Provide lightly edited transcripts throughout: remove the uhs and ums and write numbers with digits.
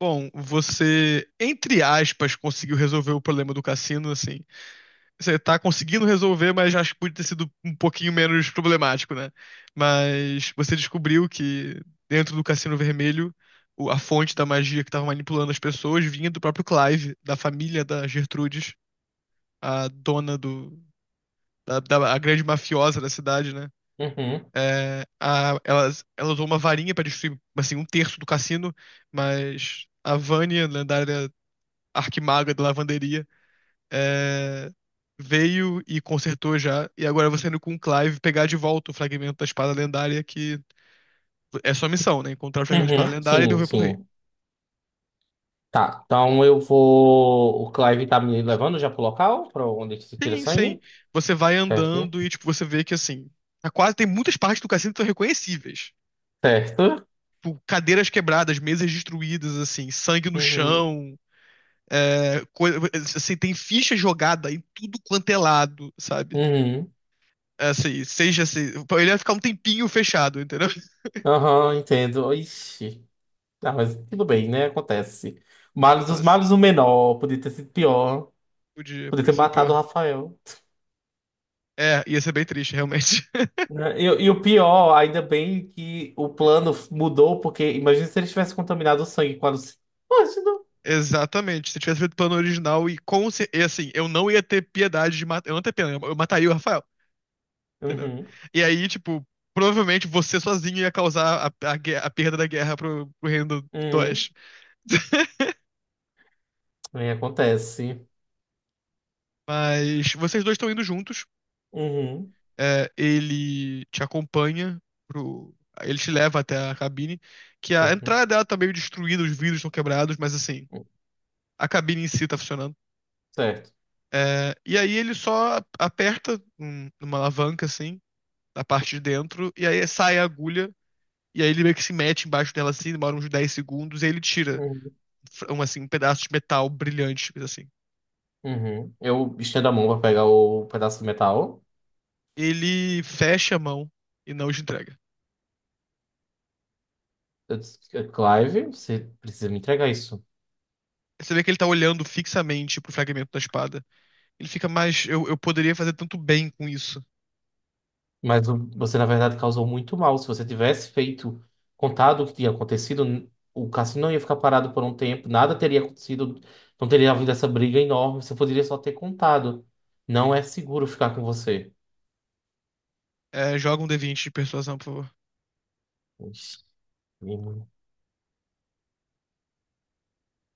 Bom, você, entre aspas, conseguiu resolver o problema do cassino, assim. Você tá conseguindo resolver, mas acho que podia ter sido um pouquinho menos problemático, né? Mas você descobriu que dentro do Cassino Vermelho, a fonte da magia que tava manipulando as pessoas vinha do próprio Clive, da família da Gertrudes, a dona da a grande mafiosa da cidade, né? Uhum, Ela, ela usou uma varinha pra destruir, assim, um terço do cassino, mas a Vânia, lendária arquimaga da lavanderia, é, veio e consertou já. E agora você indo com o Clive pegar de volta o fragmento da espada lendária, que é sua missão, né? Encontrar o fragmento da uhum, espada lendária e sim, devolver pro rei. sim. Tá, então eu vou. O Clive tá me levando já pro local, pra onde que se tira Sim, sim. sangue, Você vai certo? Né? andando e, tipo, você vê que, assim, tá quase tem muitas partes do cassino que são reconhecíveis. Certo. Tipo, cadeiras quebradas, mesas destruídas, assim, sangue no Uhum, chão. É, coisa, assim, tem ficha jogada em tudo quanto é lado, sabe? uhum. É, assim, seja assim, ele vai ficar um tempinho fechado, entendeu? Aham, entendo. Ixi. Ah, mas tudo bem, né? Acontece. Males dos Acontece. males, o menor. Podia ter sido pior. Podia, Podia podia ter ser pior. matado o Rafael. É, ia ser bem triste, realmente. Né? E o pior, ainda bem que o plano mudou, porque imagina se ele tivesse contaminado o sangue com a Luci-. Imagina. Exatamente. Se tivesse feito o plano original e e assim, eu não ia ter piedade de matar. Eu não ia ter pena, eu mataria o Rafael, entendeu? Uhum, E aí, tipo, provavelmente você sozinho ia causar a perda da guerra pro reino do uhum. Oeste. É, acontece. Mas vocês dois estão indo juntos. Uhum. É, ele te acompanha pro. Ele te leva até a cabine. Que a Certo. entrada dela tá meio destruída, os vidros estão quebrados, mas assim, a cabine em si tá funcionando. Certo. É, e aí ele só aperta numa alavanca, assim, na parte de dentro, e aí sai a agulha, e aí ele meio que se mete embaixo dela, assim, demora uns 10 segundos, e aí ele tira Uhum. um, assim, um pedaço de metal brilhante, coisa assim. Uhum. Eu estendo a mão para pegar o pedaço de metal. Ele fecha a mão e não te entrega. Eu disse, "É, Clive, você precisa me entregar isso." Você vê que ele tá olhando fixamente pro fragmento da espada. Ele fica mais. Eu poderia fazer tanto bem com isso. Mas você, na verdade, causou muito mal. Se você tivesse feito, contado o que tinha acontecido, o cassino não ia ficar parado por um tempo, nada teria acontecido, não teria havido essa briga enorme. Você poderia só ter contado. Não é seguro ficar com você. É, joga um D20 de persuasão, por favor. Ixi,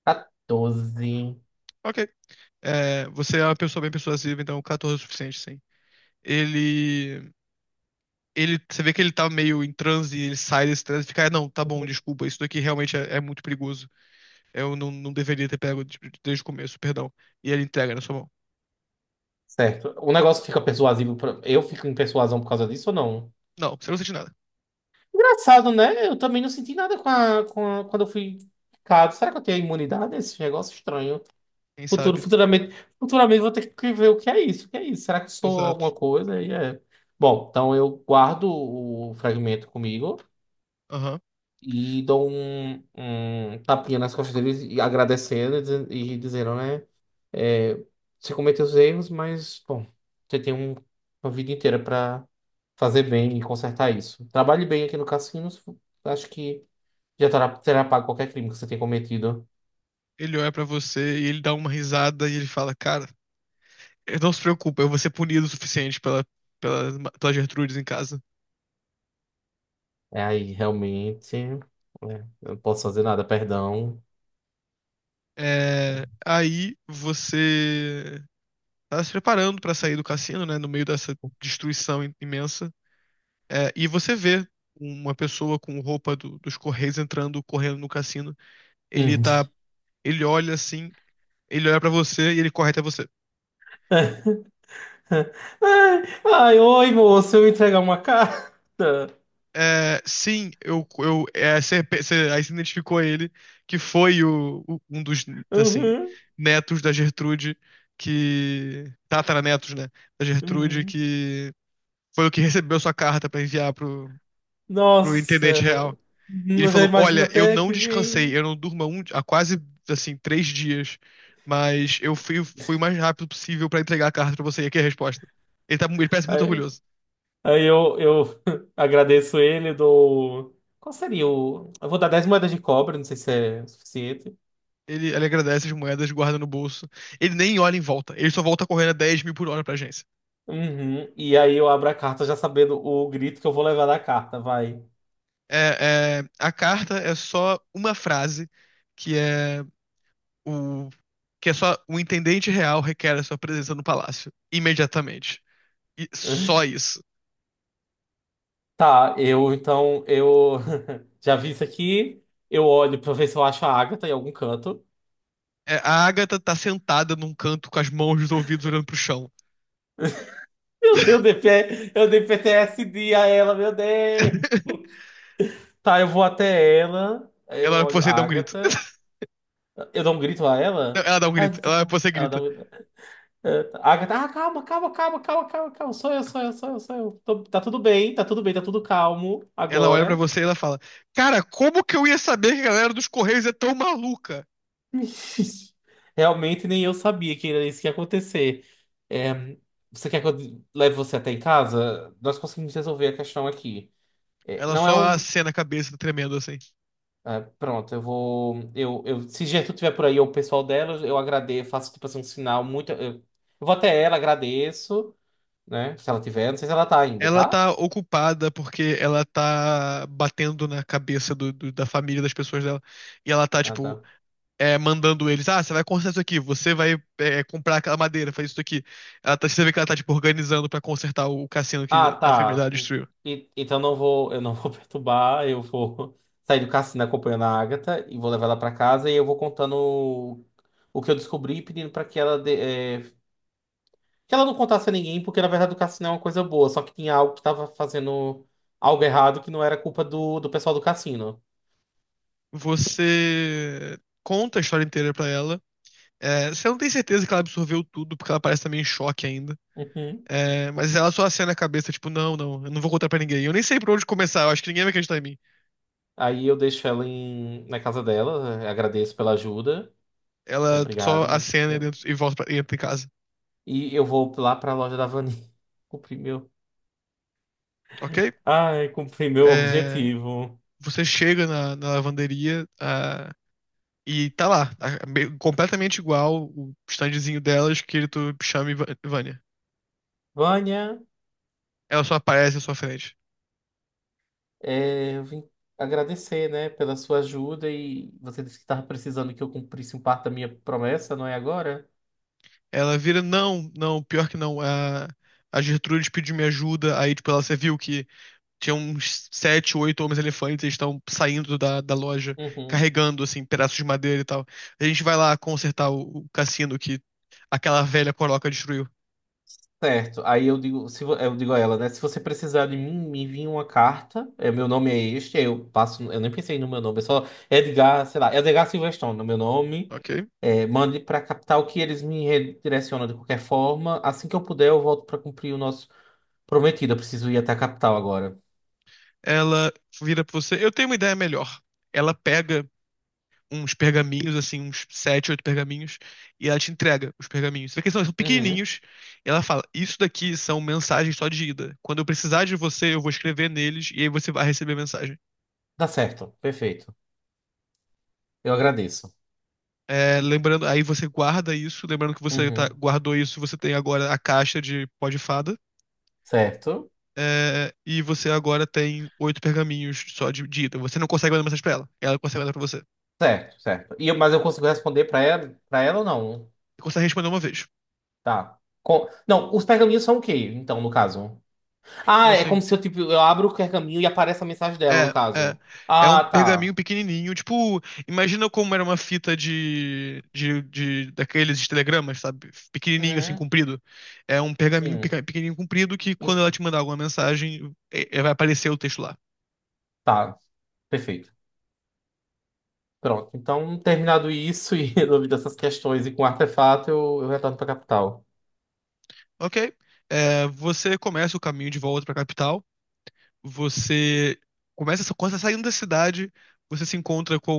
14. Ok. É, você é uma pessoa bem persuasiva, então 14 é o suficiente, sim. Ele. Ele, você vê que ele tá meio em transe, ele sai desse transe e fica, "Ah, não, tá bom, desculpa, isso daqui realmente é muito perigoso. Eu não deveria ter pego desde o começo, perdão. E ele entrega na sua mão. Certo. O negócio fica persuasivo. Eu fico em persuasão por causa disso ou não? Não, você não sente nada. Engraçado, né? Eu também não senti nada quando eu fui picado. Será que eu tenho imunidade a esse negócio estranho? Quem Futuro, sabe? futuramente, futuramente vou ter que ver o que é isso, o que é isso. Será que eu sou alguma Exato. coisa? E é. Bom, então eu guardo o fragmento comigo Aham. e dou um tapinha nas costas deles e agradecendo e dizendo, né? é, Você cometeu os erros, mas, bom, você tem uma vida inteira para fazer bem e consertar isso. Trabalhe bem aqui no cassino, acho que. Já terá pago qualquer crime que você tenha cometido. Ele olha pra você e ele dá uma risada e ele fala, cara, não se preocupa, eu vou ser punido o suficiente pela Gertrudes em casa. É aí, realmente. Eu não posso fazer nada, perdão. É, aí você tá se preparando pra sair do cassino, né, no meio dessa destruição imensa. É, e você vê uma pessoa com roupa dos Correios entrando, correndo no cassino. Ele Hum. tá, ele olha assim, ele olha pra você e ele corre até você. Ai, ai, oi, moço, eu entregar uma carta. É, sim, você, aí você identificou ele, que foi um dos, assim, Uhum, netos da Gertrude, que, tataranetos, né, da Gertrude, uhum. que foi o que recebeu sua carta pra enviar pro, pro Nossa, intendente real. Ele eu já falou: imagino Olha, eu até não que descansei, eu vem. não durmo há, há quase assim 3 dias, mas fui o mais rápido possível pra entregar a carta pra você. E aqui é a resposta. Ele, tá, ele parece muito Aí, orgulhoso. aí eu agradeço ele, dou. Qual seria o. Eu vou dar 10 moedas de cobre, não sei se é suficiente. Ele agradece as moedas, guarda no bolso. Ele nem olha em volta, ele só volta correndo a 10 mil por hora pra agência. Uhum. E aí eu abro a carta já sabendo o grito que eu vou levar da carta, vai. A carta é só uma frase que é o que é só o intendente real requer a sua presença no palácio imediatamente. E só isso. Tá, eu já vi isso aqui. Eu olho pra ver se eu acho a Agatha em algum canto. É, a Agatha tá sentada num canto com as mãos nos ouvidos olhando pro chão. Meu Deus, eu dei PTSD a ela, meu Deus. Tá, eu vou até ela. Aí Ela eu olha pra olho você a e dá um grito. Agatha. Eu dou um grito a ela. Ela dá um Ai, não grito. tô Ela olha com. pra você e Ela dá grita. um grito. É, tá. Agatha, ah, calma, calma, calma, calma, calma, calma. Sou eu, sou eu, sou eu, sou eu. Tá tudo bem, tá tudo bem, tá tudo calmo Ela olha pra agora. você e ela fala: Cara, como que eu ia saber que a galera dos Correios é tão maluca? Realmente nem eu sabia que era isso que ia acontecer. É, você quer que eu leve você até em casa? Nós conseguimos resolver a questão aqui. É, Ela não é só um. acena a cabeça, tremendo assim. Pronto, eu vou. Eu, se Gertrude estiver por aí ou o pessoal dela, eu agradeço, faço tipo assim um sinal muito. Eu vou até ela, agradeço, né? Se ela tiver, não sei se ela tá ainda, Ela tá? tá ocupada porque ela tá batendo na cabeça da família das pessoas dela. E ela tá, Ah, tipo, tá. é, mandando eles, ah, você vai consertar isso aqui, você vai comprar aquela madeira, fazer isso aqui. Ela tá, você vê que ela tá, tipo, organizando pra consertar o cassino Ah, que a tá. enfermidade destruiu. Então não vou, eu não vou perturbar, eu vou sair do cassino acompanhando a Agatha e vou levar ela pra casa e eu vou contando o que eu descobri, pedindo pra que ela que ela não contasse a ninguém, porque na verdade o cassino é uma coisa boa, só que tinha algo que tava fazendo algo errado que não era culpa do pessoal do cassino. Você conta a história inteira pra ela. É, você não tem certeza que ela absorveu tudo, porque ela parece também em choque ainda. Uhum. É, mas ela só acena a cabeça, tipo, não, não, eu não vou contar pra ninguém. Eu nem sei por onde começar, eu acho que ninguém vai acreditar em mim. Aí eu deixo ela na casa dela, agradeço pela ajuda. Ela só Obrigado, minha acena e, querida. E volta pra, e entra em casa, E eu vou lá pra loja da Vani. cumprir meu ok? Ai, cumpri meu É, objetivo. você chega na, na lavanderia, e tá lá, tá completamente igual o standzinho dela, escrito Chame Vânia. Vânia, Ela só aparece à sua frente. Eu vim agradecer, né, pela sua ajuda e você disse que estava precisando que eu cumprisse um parte da minha promessa, não é agora? Ela vira, não, não, pior que não. A Gertrude pediu minha ajuda. Aí, tipo, ela, você viu que tinha uns sete, oito homens-elefantes, eles estão saindo da loja, Uhum. carregando, assim, pedaços de madeira e tal. A gente vai lá consertar o cassino que aquela velha coroca destruiu. Certo. Aí eu digo a ela, né, se você precisar de mim, me envie uma carta. Meu nome é este, aí eu passo, eu nem pensei no meu nome, é só Edgar, sei lá, Edgar Silverstone, no meu nome. Ok? Mande para a capital que eles me redirecionam de qualquer forma. Assim que eu puder, eu volto para cumprir o nosso prometido. Eu preciso ir até a capital agora. Ela vira pra você, eu tenho uma ideia melhor. Ela pega uns pergaminhos, assim, uns sete, oito pergaminhos, e ela te entrega os pergaminhos. Só que são Uhum. pequenininhos, e ela fala: Isso daqui são mensagens só de ida. Quando eu precisar de você, eu vou escrever neles, e aí você vai receber a mensagem. Dá certo, perfeito. Eu agradeço. É, lembrando, aí você guarda isso, lembrando que você Uhum. guardou isso, você tem agora a caixa de pó de fada. Certo, É, e você agora tem 8 pergaminhos só de ida. Você não consegue mandar mensagem pra ela. Ela consegue mandar pra você. Você certo, certo. E mas eu consigo responder pra ela, para ela ou não? consegue responder uma vez. Tá. Não, os pergaminhos são o quê, então, no caso? Ah, Como é como assim? se eu, tipo, eu abro o pergaminho e aparece a mensagem dela, no É, é. caso. É um Ah, tá. pergaminho pequenininho. Tipo, imagina como era uma fita daqueles de telegramas, sabe? Pequenininho, assim, Uhum. comprido. É um pergaminho Sim. Pequenininho, comprido, que quando ela En- te mandar alguma mensagem, vai aparecer o texto lá. Tá, perfeito. Pronto. Então, terminado isso e resolvido essas questões e com o artefato, eu retorno pra capital. Ok? É, você começa o caminho de volta pra capital. Você começa, quando você tá saindo da cidade, você se encontra com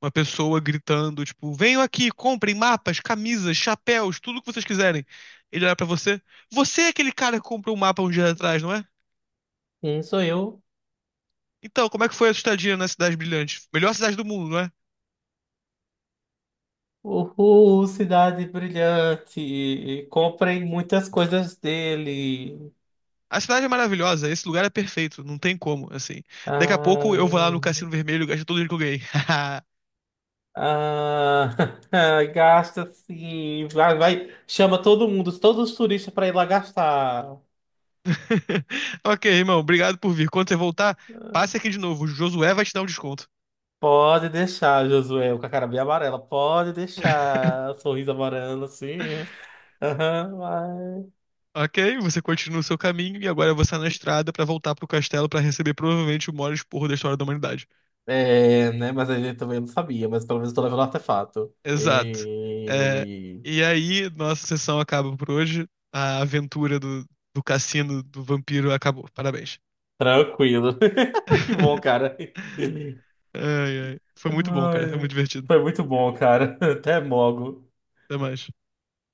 uma pessoa gritando, tipo, venham aqui, comprem mapas, camisas, chapéus, tudo o que vocês quiserem. Ele olha pra você. Você é aquele cara que comprou um mapa um dia atrás, não é? Sim, sou eu. Então, como é que foi a sua estadia na Cidade Brilhante? Melhor cidade do mundo, não é? Uhul, cidade brilhante. Comprem muitas coisas dele. A cidade é maravilhosa, esse lugar é perfeito, não tem como, assim. Daqui a pouco eu vou lá no Ah, Cassino Vermelho e gasto todo o dinheiro que eu ganhei. ah, gasta sim. Vai, vai. Chama todo mundo, todos os turistas para ir lá gastar. Ok, irmão, obrigado por vir. Quando você voltar, passe aqui de novo. O Josué vai te dar um desconto. Pode deixar, Josué, com a cara bem amarela. Pode deixar. Sorriso amarelo, assim. Aham, vai. Ok, você continua o seu caminho e agora você é na estrada pra voltar pro castelo pra receber provavelmente o maior esporro da história da humanidade. É, né? Mas a gente também não sabia, mas pelo menos eu tô levando artefato. Exato. É, E... e aí, nossa sessão acaba por hoje. A aventura do, do cassino do vampiro acabou. Parabéns. Tranquilo. Que bom, cara. Ai, ai. Foi muito bom, cara. Foi muito Ai, divertido. foi muito bom, cara. Até mogo. Até mais.